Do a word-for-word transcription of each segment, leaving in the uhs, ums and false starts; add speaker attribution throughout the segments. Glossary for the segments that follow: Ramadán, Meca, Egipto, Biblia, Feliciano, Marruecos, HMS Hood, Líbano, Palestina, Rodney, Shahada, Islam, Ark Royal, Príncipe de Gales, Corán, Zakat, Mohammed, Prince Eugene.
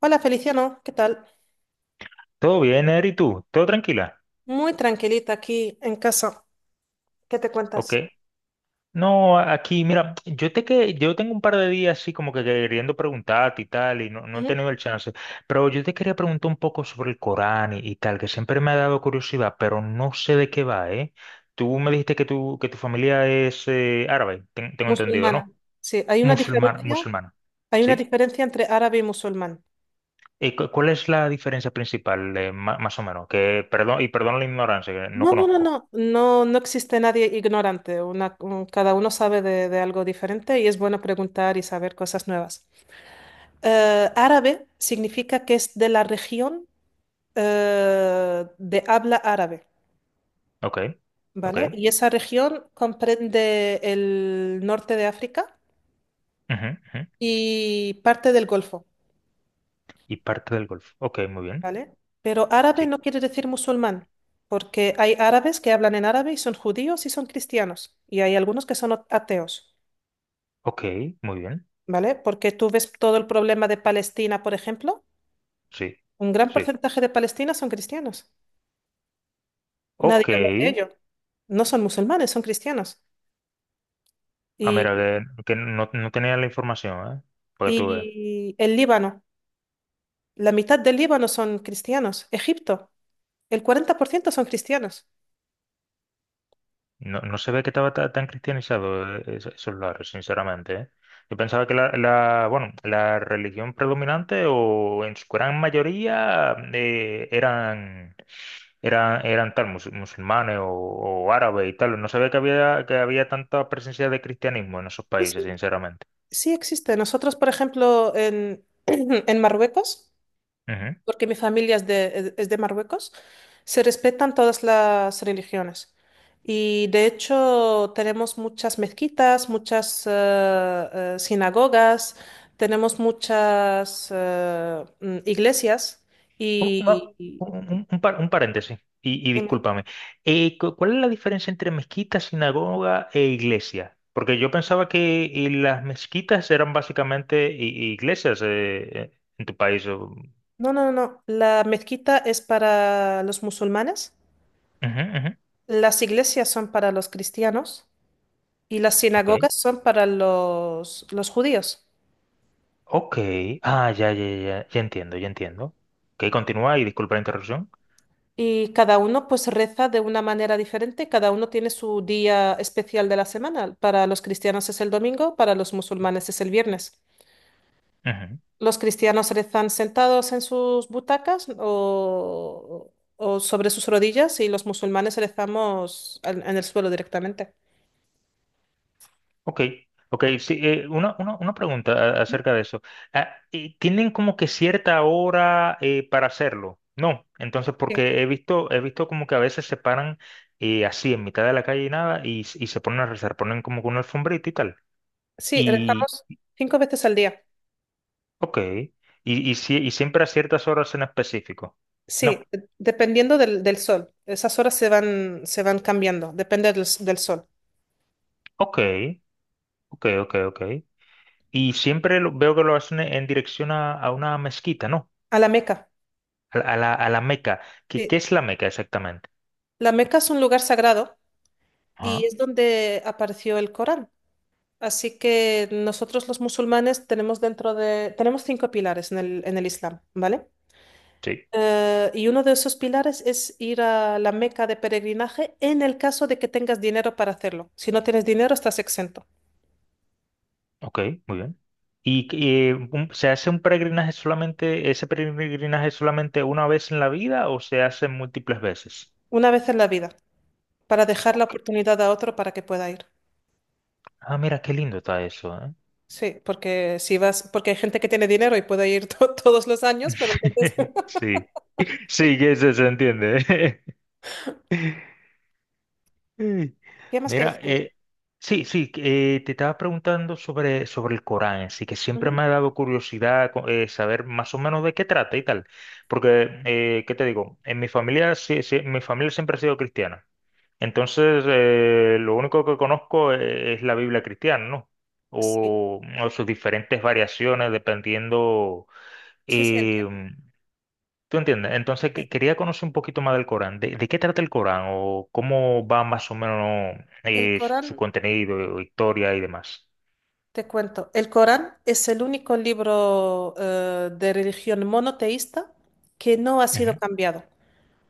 Speaker 1: Hola Feliciano, ¿qué tal?
Speaker 2: Todo bien, Eri, ¿tú? ¿Todo tranquila?
Speaker 1: Muy tranquilita aquí en casa. ¿Qué te
Speaker 2: Ok.
Speaker 1: cuentas?
Speaker 2: No, aquí, mira, yo te que yo tengo un par de días así como que queriendo preguntarte y tal, y no, no he
Speaker 1: Ujú.
Speaker 2: tenido el chance. Pero yo te quería preguntar un poco sobre el Corán y, y tal, que siempre me ha dado curiosidad, pero no sé de qué va, ¿eh? Tú me dijiste que tu, que tu familia es eh, árabe, ten- tengo entendido, ¿no?
Speaker 1: Musulmana. Sí, hay una
Speaker 2: Musulmana,
Speaker 1: diferencia,
Speaker 2: musulmana.
Speaker 1: hay una
Speaker 2: ¿Sí?
Speaker 1: diferencia entre árabe y musulmán.
Speaker 2: ¿Y cu- cuál es la diferencia principal, eh, ma- más o menos? Que, perdón, y perdón la ignorancia, que no
Speaker 1: No, no, no,
Speaker 2: conozco.
Speaker 1: no, no, no existe nadie ignorante. Una, un- cada uno sabe de, de algo diferente y es bueno preguntar y saber cosas nuevas. Eh, árabe significa que es de la región eh, de habla árabe,
Speaker 2: Ok, ok.
Speaker 1: ¿vale? Y esa región comprende el norte de África
Speaker 2: Ujú, ujú.
Speaker 1: y parte del Golfo.
Speaker 2: Y parte del Golfo. Ok, muy bien.
Speaker 1: ¿Vale? Pero árabe
Speaker 2: Sí.
Speaker 1: no quiere decir musulmán, porque hay árabes que hablan en árabe y son judíos y son cristianos, y hay algunos que son ateos,
Speaker 2: Ok, muy bien.
Speaker 1: ¿vale? Porque tú ves todo el problema de Palestina, por ejemplo,
Speaker 2: Sí.
Speaker 1: un gran
Speaker 2: Sí.
Speaker 1: porcentaje de Palestina son cristianos. Nadie
Speaker 2: Ok.
Speaker 1: habla de ello. No son musulmanes, son cristianos.
Speaker 2: Ah,
Speaker 1: Y,
Speaker 2: mira, que, que no, no tenía la información, ¿eh? Porque tú ves.
Speaker 1: y el Líbano, la mitad del Líbano son cristianos. Egipto, el cuarenta por ciento son cristianos.
Speaker 2: No, no se ve que estaba ta- tan cristianizado eh, es- esos lares, sinceramente, ¿eh? Yo pensaba que la, la, bueno, la religión predominante o en su gran mayoría eh, eran, eran, eran tal, mus- musulmanes o, o árabes y tal. No se ve que había, que había tanta presencia de cristianismo en esos
Speaker 1: Sí,
Speaker 2: países,
Speaker 1: sí,
Speaker 2: sinceramente.
Speaker 1: sí existe. Nosotros, por ejemplo, en, en Marruecos, porque mi familia es de, es de Marruecos, se respetan todas las religiones. Y de hecho tenemos muchas mezquitas, muchas eh, eh, sinagogas, tenemos muchas eh, mm, iglesias
Speaker 2: Un, una-
Speaker 1: y... y-
Speaker 2: un- un par- un paréntesis, y, y
Speaker 1: Dime.
Speaker 2: discúlpame. Eh, cu- ¿cuál es la diferencia entre mezquita, sinagoga e iglesia? Porque yo pensaba que eh, las mezquitas eran básicamente i- iglesias eh, eh, en tu país. o-
Speaker 1: No, no, no, la mezquita es para los musulmanes,
Speaker 2: Ujú, ujú.
Speaker 1: las iglesias son para los cristianos y las
Speaker 2: Ok.
Speaker 1: sinagogas son para los, los judíos.
Speaker 2: Ok. Ah, ya, ya, ya. Ya entiendo, ya entiendo. Ok, continúa y disculpa la interrupción.
Speaker 1: Y cada uno pues reza de una manera diferente, cada uno tiene su día especial de la semana. Para los cristianos es el domingo, para los musulmanes es el viernes. Los cristianos rezan sentados en sus butacas o, o sobre sus rodillas y los musulmanes rezamos en, en el suelo directamente.
Speaker 2: Ok, ok, sí, eh, una, una, una pregunta a- acerca de eso. Ah, eh, ¿tienen como que cierta hora eh, para hacerlo? No, entonces
Speaker 1: Sí,
Speaker 2: porque he visto, he visto como que a veces se paran eh, así en mitad de la calle y nada y, s- y se ponen a rezar, ponen como que una alfombrita y tal.
Speaker 1: sí,
Speaker 2: Y,
Speaker 1: rezamos cinco veces al día.
Speaker 2: ok, y, y, si- y siempre a ciertas horas en específico.
Speaker 1: Sí,
Speaker 2: No,
Speaker 1: de- dependiendo del, del sol. Esas horas se van, se van cambiando, depende del, s- del sol.
Speaker 2: ok, ok, ok, ok. Y siempre lo- veo que lo hacen en dirección a, a una mezquita, ¿no?
Speaker 1: A la Meca.
Speaker 2: A, la, a la a la Meca. ¿Qué, qué
Speaker 1: Sí.
Speaker 2: es la Meca exactamente?
Speaker 1: La Meca es un lugar sagrado y es donde apareció el Corán. Así que nosotros los musulmanes tenemos dentro de, tenemos cinco pilares en el, en el Islam, ¿vale?
Speaker 2: Sí,
Speaker 1: Eh, y uno de esos pilares es ir a la Meca de peregrinaje en el caso de que tengas dinero para hacerlo. Si no tienes dinero, estás exento.
Speaker 2: ok, muy bien. ¿Y eh, un- se hace un peregrinaje solamente, ese peregrinaje solamente una vez en la vida o se hace múltiples veces?
Speaker 1: Una vez en la vida, para dejar la
Speaker 2: Ok.
Speaker 1: oportunidad a otro para que pueda ir.
Speaker 2: Ah, mira, qué lindo está eso, ¿eh?
Speaker 1: Sí, porque si vas, porque hay gente que tiene dinero y puede ir to- todos los años, pero entonces,
Speaker 2: Sí, sí, que eso se entiende. Ey,
Speaker 1: ¿qué más quieres
Speaker 2: mira,
Speaker 1: hacer?
Speaker 2: eh, sí, sí, que, eh, te estaba preguntando sobre, sobre el Corán, sí, que siempre
Speaker 1: Ujú.
Speaker 2: me ha dado curiosidad co- eh, saber más o menos de qué trata y tal, porque, eh, ¿qué te digo? En mi familia, sí, sí, mi familia siempre ha sido cristiana. Entonces, eh, lo único que conozco e- es la Biblia cristiana, ¿no?
Speaker 1: Sí,
Speaker 2: O, o sus diferentes variaciones dependiendo.
Speaker 1: sí, sí,
Speaker 2: eh,
Speaker 1: entiendo.
Speaker 2: ¿Tú entiendes? Entonces,
Speaker 1: Sí.
Speaker 2: que- quería conocer un poquito más del Corán. ¿De, de qué trata el Corán? ¿O cómo va más o menos
Speaker 1: El
Speaker 2: eh, su, su
Speaker 1: Corán.
Speaker 2: contenido, historia y demás?
Speaker 1: Te cuento, el Corán es el único libro eh, de religión monoteísta que no ha sido
Speaker 2: Ujú.
Speaker 1: cambiado,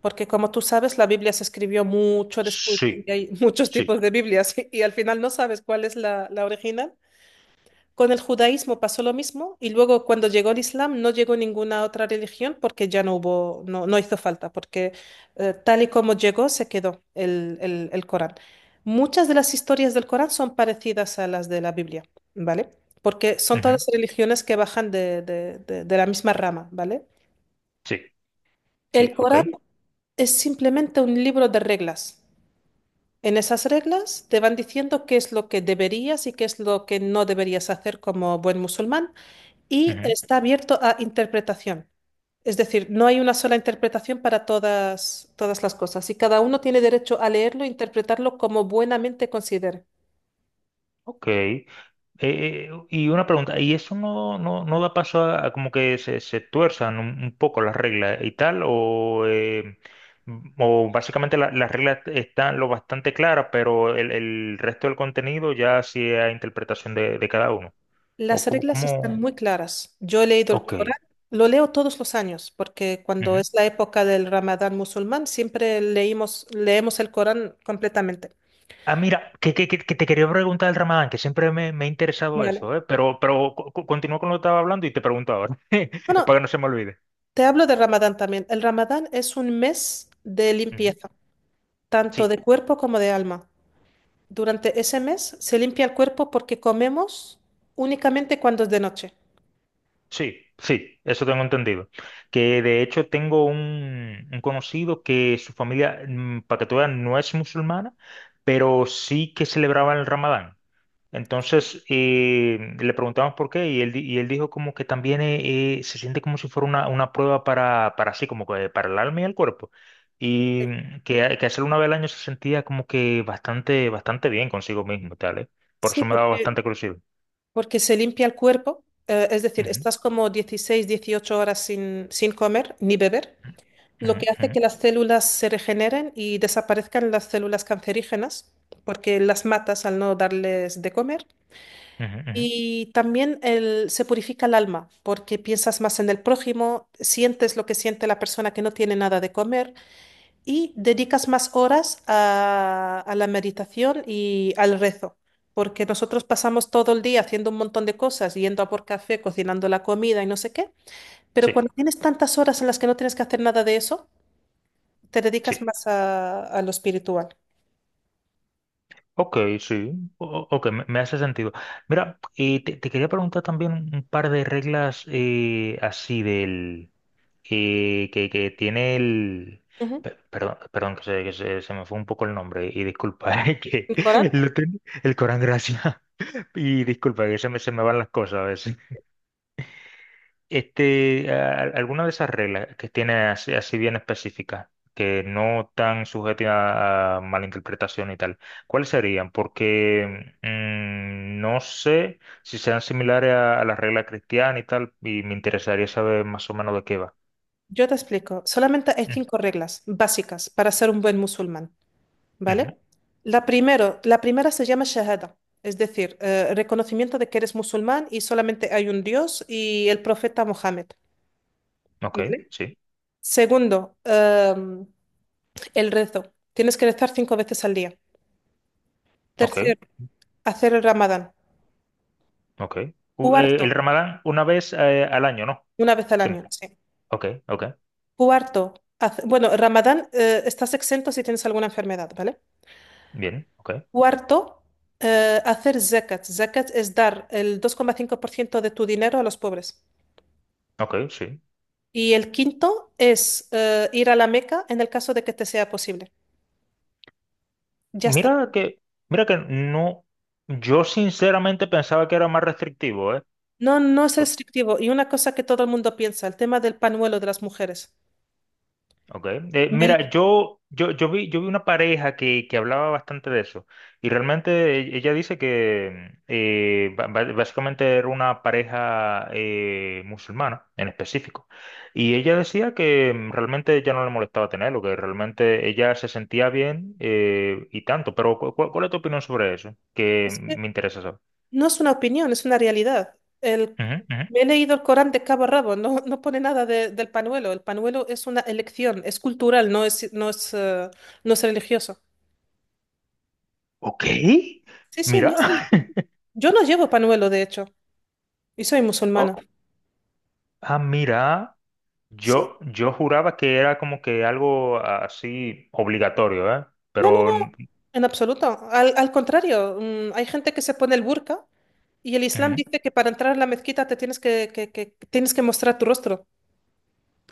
Speaker 1: porque como tú sabes, la Biblia se escribió mucho después
Speaker 2: Sí,
Speaker 1: y hay muchos
Speaker 2: sí.
Speaker 1: tipos de Biblias y, al final no sabes cuál es la, la original. Con el judaísmo pasó lo mismo y luego cuando llegó el Islam no llegó ninguna otra religión porque ya no hubo, no, no hizo falta, porque eh, tal y como llegó se quedó el, el, el Corán. Muchas de las historias del Corán son parecidas a las de la Biblia, ¿vale? Porque son
Speaker 2: Ujú.
Speaker 1: todas religiones que bajan de, de, de, de la misma rama, ¿vale?
Speaker 2: Sí, sí,
Speaker 1: El
Speaker 2: ok.
Speaker 1: Corán es simplemente un libro de reglas. En esas reglas te van diciendo qué es lo que deberías y qué es lo que no deberías hacer como buen musulmán y
Speaker 2: Ujú.
Speaker 1: está abierto a interpretación. Es decir, no hay una sola interpretación para todas, todas las cosas y cada uno tiene derecho a leerlo e interpretarlo como buenamente considere.
Speaker 2: Ok, Eh, y una pregunta, ¿y eso no, no, no da paso a, a como que se, se tuerzan un, un poco las reglas y tal? ¿O, eh, m- o básicamente la- las reglas están lo bastante claras, pero el, el resto del contenido ya sí es a interpretación de, de cada uno? ¿O
Speaker 1: Las
Speaker 2: cómo?
Speaker 1: reglas están
Speaker 2: cómo...
Speaker 1: muy claras. Yo he leído el
Speaker 2: Ok.
Speaker 1: Corán, lo leo todos los años, porque cuando
Speaker 2: Ujú.
Speaker 1: es la época del Ramadán musulmán siempre leímos, leemos el Corán completamente.
Speaker 2: Ah, mira, que, que- que- que te quería preguntar el Ramadán, que siempre me, me ha interesado
Speaker 1: Vale.
Speaker 2: eso, ¿eh? Pero, pero co- co- continúa con lo que estaba hablando y te pregunto ahora,
Speaker 1: Bueno,
Speaker 2: para que no se me olvide.
Speaker 1: te hablo del Ramadán también. El Ramadán es un mes de
Speaker 2: Ujú.
Speaker 1: limpieza, tanto
Speaker 2: Sí.
Speaker 1: de cuerpo como de alma. Durante ese mes se limpia el cuerpo porque comemos únicamente cuando es de noche.
Speaker 2: Sí, sí, eso tengo entendido. Que de hecho tengo un, un conocido que su familia, mm, para que tú veas, no es musulmana, pero sí que celebraba el Ramadán.
Speaker 1: Sí,
Speaker 2: Entonces eh, le preguntamos por qué y él, di- y él dijo como que también eh, eh, se siente como si fuera una, una prueba para, para así, como que para el alma y el cuerpo. Y
Speaker 1: sí.
Speaker 2: mm, que, que hacerlo una vez al año se sentía como que bastante, bastante bien consigo mismo, y tal, ¿eh? Por
Speaker 1: Sí,
Speaker 2: eso me daba
Speaker 1: porque,
Speaker 2: bastante curiosidad.
Speaker 1: porque se limpia el cuerpo, eh, es decir,
Speaker 2: Ujú.
Speaker 1: estás como dieciséis, dieciocho horas sin, sin comer ni beber, lo
Speaker 2: Ujú,
Speaker 1: que hace que
Speaker 2: ujú,
Speaker 1: las células se regeneren y desaparezcan las células cancerígenas, porque las matas al no darles de comer.
Speaker 2: ujú, ujú.
Speaker 1: Y también el- se purifica el alma, porque piensas más en el prójimo, sientes lo que siente la persona que no tiene nada de comer, y dedicas más horas a, a la meditación y al rezo, porque nosotros pasamos todo el día haciendo un montón de cosas, yendo a por café, cocinando la comida y no sé qué, pero
Speaker 2: Sí.
Speaker 1: cuando tienes tantas horas en las que no tienes que hacer nada de eso, te
Speaker 2: Sí,
Speaker 1: dedicas más a, a lo espiritual.
Speaker 2: ok, sí, o- o- ok, me, me hace sentido. Mira, eh, te, te quería preguntar también un par de reglas eh, así del eh, que, que tiene el.
Speaker 1: Ujú.
Speaker 2: pe- Perdón, perdón que, se, que se- se me fue un poco el nombre y disculpa, eh, que
Speaker 1: ¿El Corán?
Speaker 2: lo ten- el Corán, gracias. Y disculpa que se me, se me van las cosas a veces. Este, a- alguna de esas reglas que tiene así, así bien específicas, que no están sujetas a, a malinterpretación y tal, ¿cuáles serían? Porque mm, no sé si sean similares a, a las reglas cristianas y tal, y me interesaría saber más o menos de qué va.
Speaker 1: Yo te explico, solamente hay
Speaker 2: Mm,
Speaker 1: cinco reglas básicas para ser un buen musulmán.
Speaker 2: ujú.
Speaker 1: ¿Vale? La primero, la primera se llama Shahada, es decir, eh, reconocimiento de que eres musulmán y solamente hay un Dios y el profeta Mohammed,
Speaker 2: Ok,
Speaker 1: ¿vale?
Speaker 2: sí,
Speaker 1: Segundo, em, el rezo. Tienes que rezar cinco veces al día.
Speaker 2: ok,
Speaker 1: Tercero, hacer el Ramadán.
Speaker 2: ok. U- eh,
Speaker 1: Cuarto,
Speaker 2: el Ramadán una vez eh, al año, ¿no?
Speaker 1: una vez al año,
Speaker 2: Siempre.
Speaker 1: sí.
Speaker 2: Ok, ok,
Speaker 1: Cuarto, hace- bueno, Ramadán, eh, estás exento si tienes alguna enfermedad, ¿vale?
Speaker 2: bien, ok,
Speaker 1: Cuarto, eh, hacer zakat. Zakat es dar el dos coma cinco por ciento de tu dinero a los pobres.
Speaker 2: ok, sí.
Speaker 1: Y el quinto es eh, ir a la Meca en el caso de que te sea posible. Ya está.
Speaker 2: Mira que, mira que no, yo sinceramente pensaba que era más restrictivo, ¿eh?
Speaker 1: No, no es
Speaker 2: O-
Speaker 1: restrictivo. Y una cosa que todo el mundo piensa, el tema del panuelo de las mujeres.
Speaker 2: Ok. Eh,
Speaker 1: Me
Speaker 2: mira,
Speaker 1: l-
Speaker 2: yo, yo, yo vi, yo vi una pareja que, que hablaba bastante de eso y realmente e- ella dice que eh, ba- ba- básicamente era una pareja eh, musulmana en específico y ella decía que mm, realmente ella no le molestaba tenerlo, que realmente ella se sentía bien eh, y tanto, pero ¿cu- cu- ¿cuál es tu opinión sobre eso? Que
Speaker 1: es que
Speaker 2: me interesa
Speaker 1: no es una opinión, es una realidad. El,
Speaker 2: saber.
Speaker 1: me he leído el Corán de cabo a rabo, no, no pone nada de- del panuelo. El panuelo es una elección, es cultural, no es, no es, eh, no es religioso.
Speaker 2: Ok,
Speaker 1: Sí, sí, no
Speaker 2: mira.
Speaker 1: es religioso. Yo no llevo panuelo, de hecho, y soy
Speaker 2: Oh,
Speaker 1: musulmana.
Speaker 2: ah, mira.
Speaker 1: Sí.
Speaker 2: Yo, yo juraba que era como que algo así obligatorio, ¿eh?
Speaker 1: No, no,
Speaker 2: Pero
Speaker 1: no,
Speaker 2: mm,
Speaker 1: en absoluto. Al, al contrario, mm, hay gente que se pone el burka y el Islam
Speaker 2: ujú.
Speaker 1: dice que para entrar a la mezquita te tienes que, que- que- tienes que mostrar tu rostro.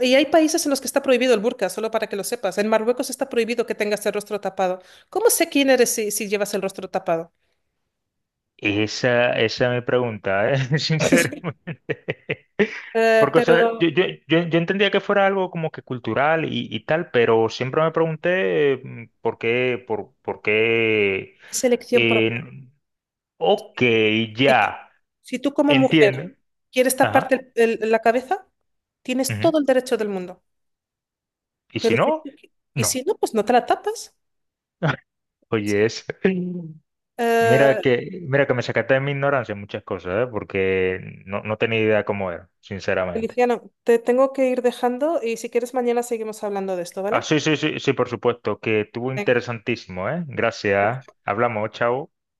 Speaker 1: Y hay países en los que está prohibido el burka, solo para que lo sepas. En Marruecos está prohibido que tengas el rostro tapado. ¿Cómo sé quién eres si, si llevas el rostro tapado?
Speaker 2: esa, esa es mi pregunta, ¿eh? Sinceramente.
Speaker 1: Eh,
Speaker 2: Porque, o sea,
Speaker 1: pero
Speaker 2: yo, yo, yo, yo entendía que fuera algo como que cultural y, y tal, pero siempre me pregunté eh, mm, por qué, por, por qué.
Speaker 1: es elección
Speaker 2: eh,
Speaker 1: propia.
Speaker 2: ok,
Speaker 1: Si tú,
Speaker 2: ya,
Speaker 1: si tú como mujer
Speaker 2: entiendo.
Speaker 1: quieres
Speaker 2: Ajá.
Speaker 1: taparte el- el- la cabeza, tienes
Speaker 2: Ujú.
Speaker 1: todo el derecho del mundo.
Speaker 2: Y si
Speaker 1: Pero si,
Speaker 2: no,
Speaker 1: y si
Speaker 2: no.
Speaker 1: no, pues no te la tapas.
Speaker 2: Oye, es. Mira
Speaker 1: Eh,
Speaker 2: que, mira que me sacaste de mi ignorancia en muchas cosas, ¿eh? Porque no, no tenía idea cómo era, sinceramente.
Speaker 1: Feliciano, te tengo que ir dejando y si quieres mañana seguimos hablando de esto,
Speaker 2: Ah,
Speaker 1: ¿vale?
Speaker 2: sí, sí, sí, sí, por supuesto, que estuvo
Speaker 1: Venga.
Speaker 2: interesantísimo, ¿eh? Gracias. Hablamos, chao.